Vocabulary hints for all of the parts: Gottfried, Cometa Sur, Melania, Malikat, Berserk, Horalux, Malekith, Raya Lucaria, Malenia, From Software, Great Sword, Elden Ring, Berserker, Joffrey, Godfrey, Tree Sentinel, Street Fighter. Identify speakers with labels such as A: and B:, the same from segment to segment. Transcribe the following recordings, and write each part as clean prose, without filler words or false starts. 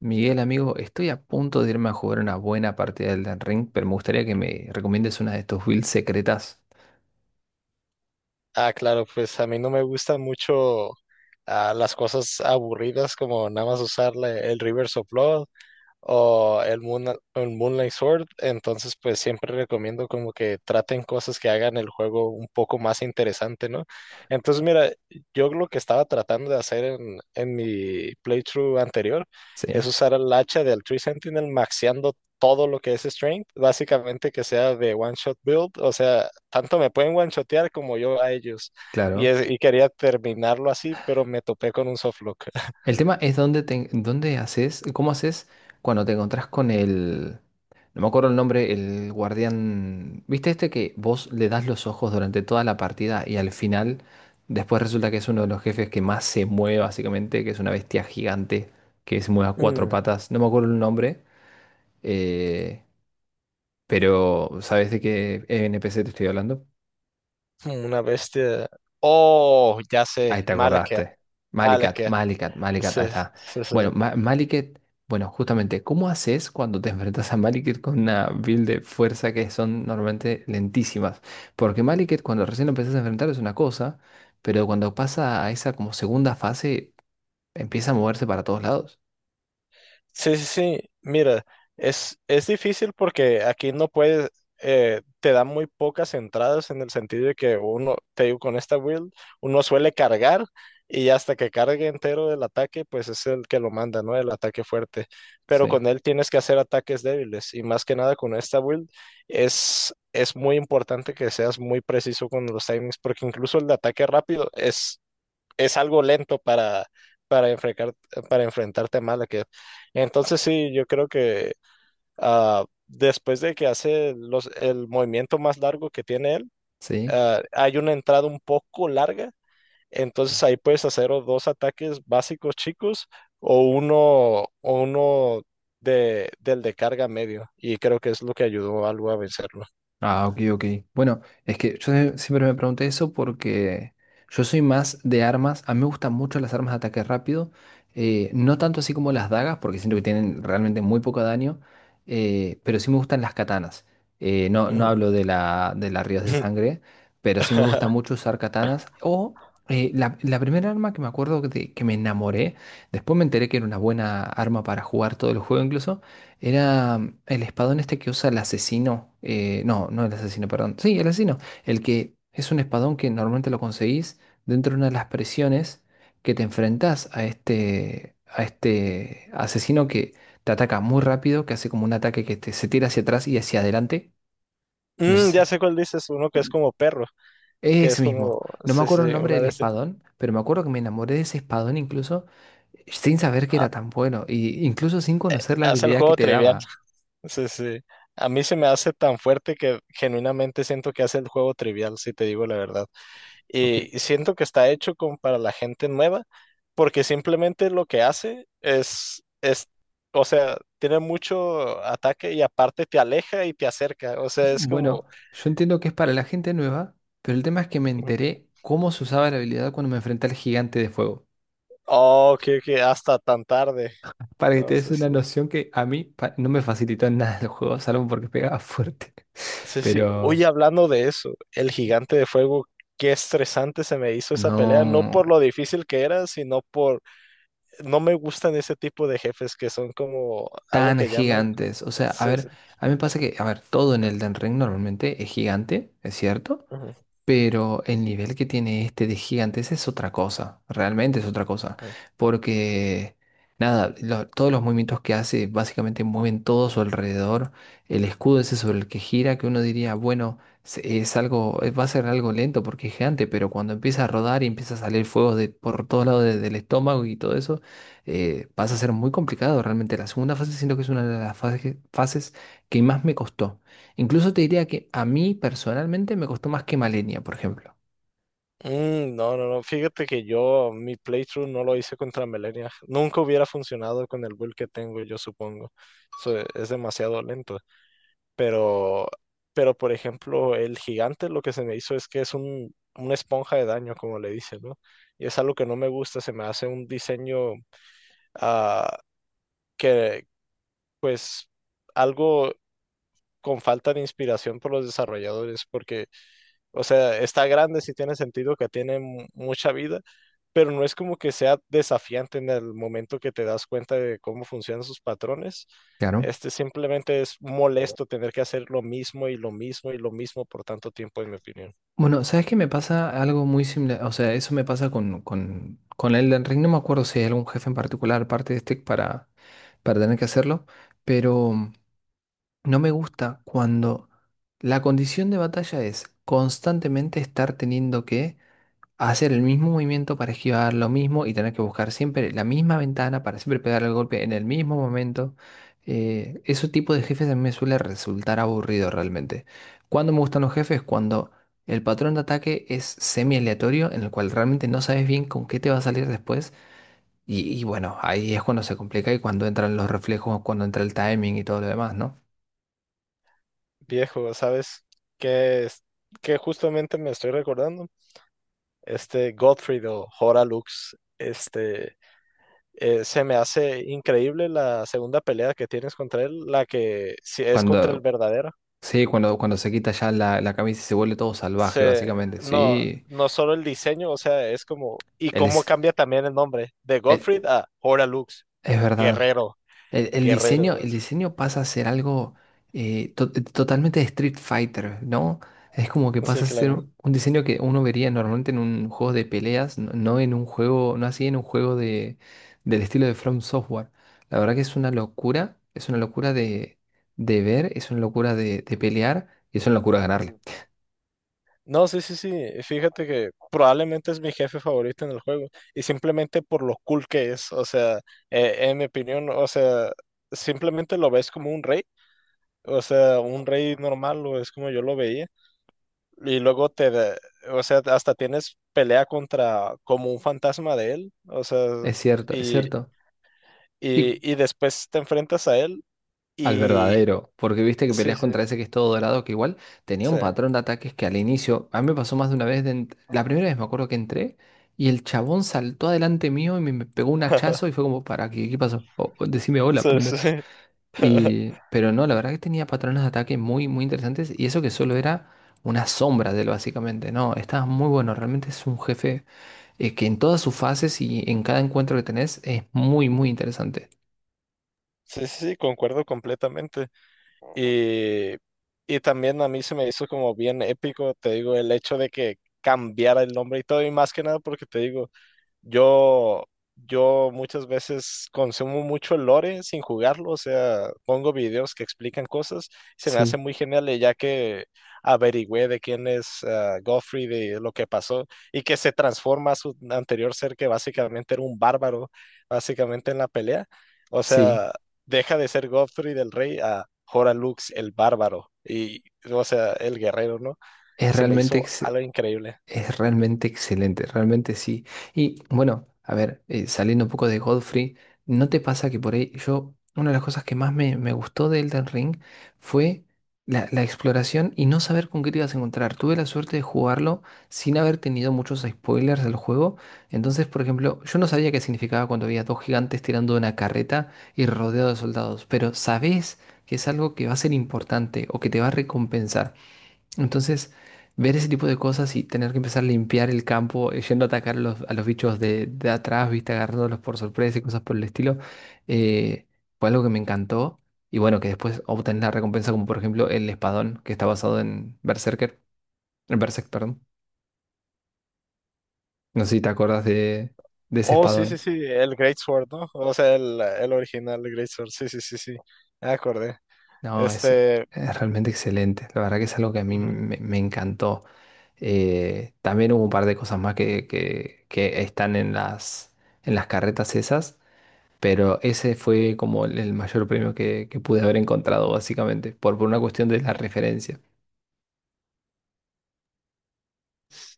A: Miguel, amigo, estoy a punto de irme a jugar una buena partida del Elden Ring, pero me gustaría que me recomiendes una de estos builds secretas.
B: Ah, claro, pues a mí no me gustan mucho, las cosas aburridas como nada más usar el reverse of o el Moonlight Sword. Entonces, pues, siempre recomiendo como que traten cosas que hagan el juego un poco más interesante, ¿no? Entonces, mira, yo lo que estaba tratando de hacer en mi playthrough anterior es
A: Sí,
B: usar el hacha del Tree Sentinel maxeando todo lo que es Strength, básicamente que sea de one shot build, o sea, tanto me pueden one shotear como yo a ellos. Y,
A: claro.
B: es- y quería terminarlo así, pero me topé con un softlock.
A: El tema es dónde haces, cómo haces cuando te encontrás no me acuerdo el nombre, el guardián. ¿Viste este que vos le das los ojos durante toda la partida y al final, después resulta que es uno de los jefes que más se mueve, básicamente, que es una bestia gigante que se mueve a cuatro patas. No me acuerdo el nombre. Eh, Pero, ¿sabes de qué NPC te estoy hablando?
B: Una bestia. Oh, ya sé.
A: Ahí te
B: Malekith.
A: acordaste. Malikat,
B: Malekith.
A: Malikat, Malikat,
B: Sí,
A: ahí está.
B: sí, sí. Sí.
A: Bueno, Malikat, bueno, justamente, ¿cómo haces cuando te enfrentas a Malikat con una build de fuerza que son normalmente lentísimas? Porque Malikat, cuando recién lo empezás a enfrentar, es una cosa, pero cuando pasa a esa como segunda fase, empieza a moverse para todos lados.
B: Sí, sí, sí. Mira, es difícil porque aquí no puedes, te dan muy pocas entradas, en el sentido de que uno, te digo, con esta build, uno suele cargar, y hasta que cargue entero el ataque, pues es el que lo manda, ¿no? El ataque fuerte. Pero
A: Sí,
B: con él tienes que hacer ataques débiles, y más que nada con esta build es muy importante que seas muy preciso con los timings, porque incluso el de ataque rápido es algo lento para, enfrentar, para enfrentarte a Malekith. Entonces sí, yo creo que después de que hace el movimiento más largo que tiene él,
A: sí.
B: hay una entrada un poco larga, entonces ahí puedes hacer o dos ataques básicos chicos, o uno, o uno del de carga medio. Y creo que es lo que ayudó algo a vencerlo.
A: Ah, ok, ok. Bueno, es que yo siempre me pregunté eso porque yo soy más de armas. A mí me gustan mucho las armas de ataque rápido. No tanto así como las dagas, porque siento que tienen realmente muy poco daño. Pero sí me gustan las katanas. No, no
B: Ujú.
A: hablo de de las ríos de sangre, pero sí me gusta mucho usar katanas. O la primera arma que me acuerdo de que me enamoré, después me enteré que era una buena arma para jugar todo el juego incluso. Era el espadón este que usa el asesino. Eh, no, no el asesino, perdón. Sí, el asesino. El que es un espadón que normalmente lo conseguís dentro de una de las presiones que te enfrentás a a este asesino que te ataca muy rápido, que hace como un ataque se tira hacia atrás y hacia adelante. No
B: Mm,
A: sé
B: ya
A: si-
B: sé cuál dices, uno que es como perro, que es
A: Ese mismo.
B: como,
A: No me
B: sí, sí,
A: acuerdo
B: sí,
A: el nombre
B: una
A: del
B: de este.
A: espadón, pero me acuerdo que me enamoré de ese espadón incluso sin saber que era tan bueno, y incluso sin conocer la
B: Hace el
A: habilidad que
B: juego
A: te
B: trivial.
A: daba.
B: Sí, sí. A mí se me hace tan fuerte que genuinamente siento que hace el juego trivial, si te digo la verdad.
A: ¿Ok?
B: Y siento que está hecho como para la gente nueva, porque simplemente lo que hace es, o sea, tiene mucho ataque y aparte te aleja y te acerca. O sea, es
A: Bueno,
B: como,
A: yo entiendo que es para la gente nueva, pero el tema es que me
B: ujú,
A: enteré cómo se usaba la habilidad cuando me enfrenté al gigante de fuego.
B: oh, que hasta tan tarde.
A: Para que te
B: No
A: des
B: sé
A: una
B: si.
A: noción que a mí no me facilitó en nada el juego, salvo porque pegaba fuerte.
B: Sí, sí. Oye,
A: Pero
B: hablando de eso, el gigante de fuego, qué estresante se me hizo esa pelea, no por
A: no
B: lo difícil que era, sino por, no me gustan ese tipo de jefes que son como algo
A: tan
B: que llaman,
A: gigantes. O sea, a
B: sí,
A: ver,
B: sí.
A: a mí me pasa que, a ver, todo en Elden Ring normalmente es gigante, es cierto.
B: Ujú,
A: Pero el nivel que tiene este de gigantes es otra cosa, realmente es otra cosa,
B: ujú.
A: porque nada, todos los movimientos que hace básicamente mueven todo a su alrededor, el escudo ese sobre el que gira, que uno diría, bueno, es algo, va a ser algo lento porque es gigante, pero cuando empieza a rodar y empieza a salir fuego de, por todos lados del estómago y todo eso, pasa a ser muy complicado realmente. La segunda fase siento que es una de las fases que más me costó. Incluso te diría que a mí personalmente me costó más que Malenia, por ejemplo.
B: Mm, no, no, no, fíjate que yo, mi playthrough, no lo hice contra Melania. Nunca hubiera funcionado con el build que tengo, yo supongo. So, es demasiado lento. Pero, por ejemplo, el gigante, lo que se me hizo es que es una esponja de daño, como le dicen, ¿no? Y es algo que no me gusta, se me hace un diseño ah, que, pues, algo con falta de inspiración por los desarrolladores, porque, o sea, está grande, sí tiene sentido que tiene mucha vida, pero no es como que sea desafiante en el momento que te das cuenta de cómo funcionan sus patrones.
A: Claro.
B: Este simplemente es molesto, tener que hacer lo mismo y lo mismo y lo mismo por tanto tiempo, en mi opinión.
A: Bueno, ¿sabes qué? Me pasa algo muy similar. O sea, eso me pasa con Elden Ring. No me acuerdo si hay algún jefe en particular, parte de este, para tener que hacerlo, pero no me gusta cuando la condición de batalla es constantemente estar teniendo que hacer el mismo movimiento para esquivar lo mismo y tener que buscar siempre la misma ventana para siempre pegar el golpe en el mismo momento. Ese tipo de jefes a mí me suele resultar aburrido realmente. Cuando me gustan los jefes, cuando el patrón de ataque es semi aleatorio, en el cual realmente no sabes bien con qué te va a salir después. Y bueno, ahí es cuando se complica y cuando entran los reflejos, cuando entra el timing y todo lo demás, ¿no?
B: Viejo, ¿sabes qué es? Que justamente me estoy recordando. Este Gottfried o Horalux, este se me hace increíble la segunda pelea que tienes contra él, la que sí es contra el
A: Cuando,
B: verdadero.
A: sí, cuando se quita ya la camisa y se vuelve todo salvaje, básicamente.
B: No,
A: Sí,
B: no solo el diseño, o sea, es como, y
A: él
B: cómo
A: es.
B: cambia también el nombre, de
A: el-
B: Gottfried a Horalux,
A: Es verdad.
B: guerrero,
A: El diseño,
B: guerrero,
A: el diseño pasa a ser algo totalmente de Street Fighter, ¿no? Es como que
B: sí,
A: pasa a ser
B: claro.
A: un diseño que uno vería normalmente en un juego de peleas, no, no en un juego, no así en un juego de, del estilo de From Software. La verdad que es una locura de ver, es una locura de pelear y es una locura ganarle.
B: Ujú. No, sí, sí, sí, fíjate que probablemente es mi jefe favorito en el juego, y simplemente por lo cool que es, o sea, en mi opinión, o sea, simplemente lo ves como un rey, o sea, un rey normal, o es como yo lo veía. Y luego o sea, hasta tienes pelea contra como un fantasma de él, o sea,
A: Es cierto, es
B: y,
A: cierto.
B: y,
A: ¿Y
B: y después te enfrentas a él
A: al
B: y
A: verdadero? Porque viste que
B: sí,
A: peleas
B: sí,
A: contra ese que es todo dorado, que igual tenía
B: sí,
A: un patrón de ataques que al inicio, a mí me pasó más de una vez, la primera vez me acuerdo que entré y el chabón saltó adelante mío me pegó un hachazo y fue como, ¿para qué? ¿Qué pasó? O decime hola
B: sí,
A: primero.
B: sí,
A: Y, pero no, la verdad que tenía patrones de ataque muy, muy interesantes y eso que solo era una sombra de él básicamente, no, estaba muy bueno, realmente es un jefe que en todas sus fases y en cada encuentro que tenés es muy, muy interesante.
B: sí, sí, sí, concuerdo completamente. Y, y también a mí se me hizo como bien épico, te digo, el hecho de que cambiara el nombre y todo, y más que nada porque te digo, Yo, yo muchas veces consumo mucho el lore sin jugarlo, o sea, pongo videos que explican cosas. Se me hace
A: Sí,
B: muy genial, y ya que averigüé de quién es Joffrey, de lo que pasó, y que se transforma a su anterior ser que básicamente era un bárbaro, básicamente en la pelea, o
A: sí.
B: sea, deja de ser Joffrey del rey a Horalux el bárbaro y, o sea, el guerrero, ¿no? Y
A: Es
B: se me
A: realmente
B: hizo
A: ex-
B: algo increíble.
A: Es realmente excelente, realmente sí. Y bueno, a ver, saliendo un poco de Godfrey, ¿no te pasa que por ahí yo, una de las cosas que más me gustó de Elden Ring fue la exploración y no saber con qué te ibas a encontrar? Tuve la suerte de jugarlo sin haber tenido muchos spoilers del juego. Entonces, por ejemplo, yo no sabía qué significaba cuando había dos gigantes tirando una carreta y rodeado de soldados, pero sabés que es algo que va a ser importante o que te va a recompensar. Entonces, ver ese tipo de cosas y tener que empezar a limpiar el campo, yendo a atacar a a los bichos de atrás, viste, agarrándolos por sorpresa y cosas por el estilo, eh, fue algo que me encantó. Y bueno, que después obtenés la recompensa, como por ejemplo el espadón, que está basado en Berserker, en Berserk, perdón. No sé si te acuerdas de ese
B: Oh, sí, no, sí,
A: espadón.
B: sí, el Great Sword, ¿no? O sea, el original Great Sword. Sí, sí, sí, sí, me acordé.
A: No, ese
B: Este,
A: es realmente excelente. La verdad que es algo que a mí
B: ujú.
A: me encantó. También hubo un par de cosas más que que están en en las carretas esas. Pero ese fue como el mayor premio que pude haber encontrado, básicamente, por una cuestión de la referencia.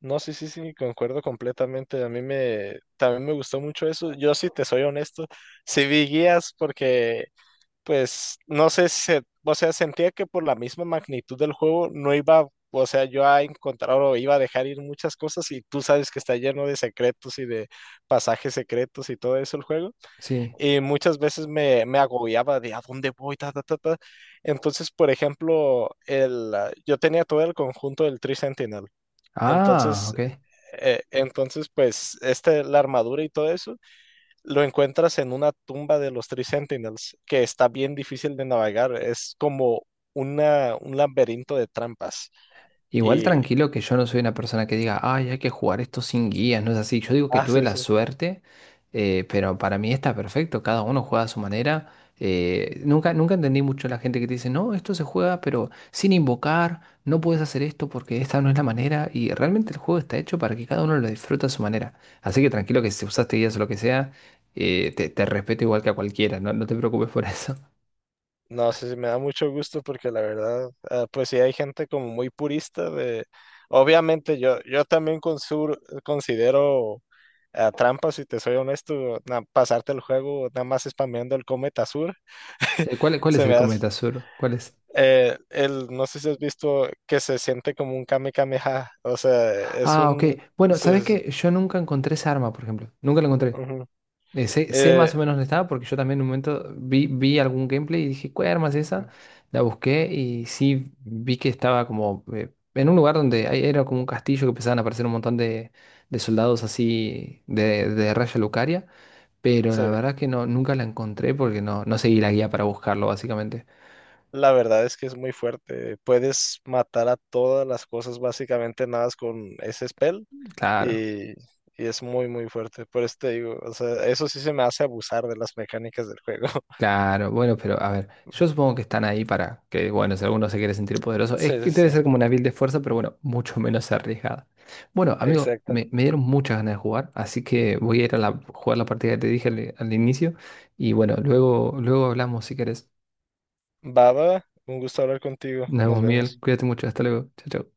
B: No, sí, sí, sí, concuerdo completamente. A mí también me gustó mucho eso. Yo, si te soy honesto, sí vi guías porque, pues, no sé, si se- o sea, sentía que por la misma magnitud del juego no iba, o sea, yo a encontrar, o iba a dejar ir muchas cosas, y tú sabes que está lleno de secretos y de pasajes secretos y todo eso el juego.
A: Sí.
B: Y muchas veces me agobiaba de a dónde voy, ta, ta, ta, ta. Entonces, por ejemplo, yo tenía todo el conjunto del Tree Sentinel.
A: Ah,
B: Entonces,
A: ok.
B: pues, este, la armadura y todo eso, lo encuentras en una tumba de los Tree Sentinels, que está bien difícil de navegar. Es como un laberinto de trampas.
A: Igual
B: Y
A: tranquilo que yo no soy una persona que diga, ay, hay que jugar esto sin guías, no es así. Yo digo que tuve la
B: haces.
A: suerte, pero para mí está perfecto, cada uno juega a su manera. Nunca entendí mucho la gente que te dice, no, esto se juega, pero sin invocar, no puedes hacer esto porque esta no es la manera. Y realmente el juego está hecho para que cada uno lo disfrute a su manera. Así que tranquilo que si usaste guías o lo que sea, te respeto igual que a cualquiera, no, no te preocupes por eso.
B: No sé si me da mucho gusto, porque la verdad, pues sí hay gente como muy purista de, obviamente yo también considero trampa, si te soy honesto, pasarte el juego nada más spameando el cometa sur,
A: Cuál es
B: se me
A: el
B: hace.
A: Cometa Sur? ¿Cuál es?
B: No sé si has visto, que se siente como un Kame Kameha, o sea, es
A: Ah, ok.
B: un,
A: Bueno, ¿sabes
B: se- se-
A: qué? Yo nunca encontré esa arma, por ejemplo. Nunca la encontré.
B: ujú.
A: Sé más
B: Eh,
A: o menos dónde estaba porque yo también en un momento vi algún gameplay y dije, ¿cuál arma es esa? La busqué y sí vi que estaba como en un lugar donde era como un castillo que empezaban a aparecer un montón de soldados así de Raya Lucaria. Pero
B: Sí,
A: la verdad que no, nunca la encontré porque no, no seguí la guía para buscarlo, básicamente.
B: la verdad es que es muy fuerte. Puedes matar a todas las cosas básicamente nada más con ese spell.
A: Claro.
B: Y es muy, muy fuerte. Por eso te digo, o sea, eso sí se me hace abusar de las mecánicas del juego.
A: Claro, bueno, pero a ver, yo supongo que están ahí para que, bueno, si alguno se quiere sentir poderoso, es
B: Sí, sí,
A: que
B: sí,
A: debe ser como una build de fuerza, pero bueno, mucho menos arriesgada. Bueno, amigo,
B: exacto.
A: me dieron muchas ganas de jugar, así que voy a ir a jugar la partida que te dije al inicio y bueno, luego hablamos si querés.
B: Baba, un gusto hablar contigo.
A: Nos
B: Nos
A: vemos, Miguel,
B: vemos.
A: cuídate mucho, hasta luego, chao, chao.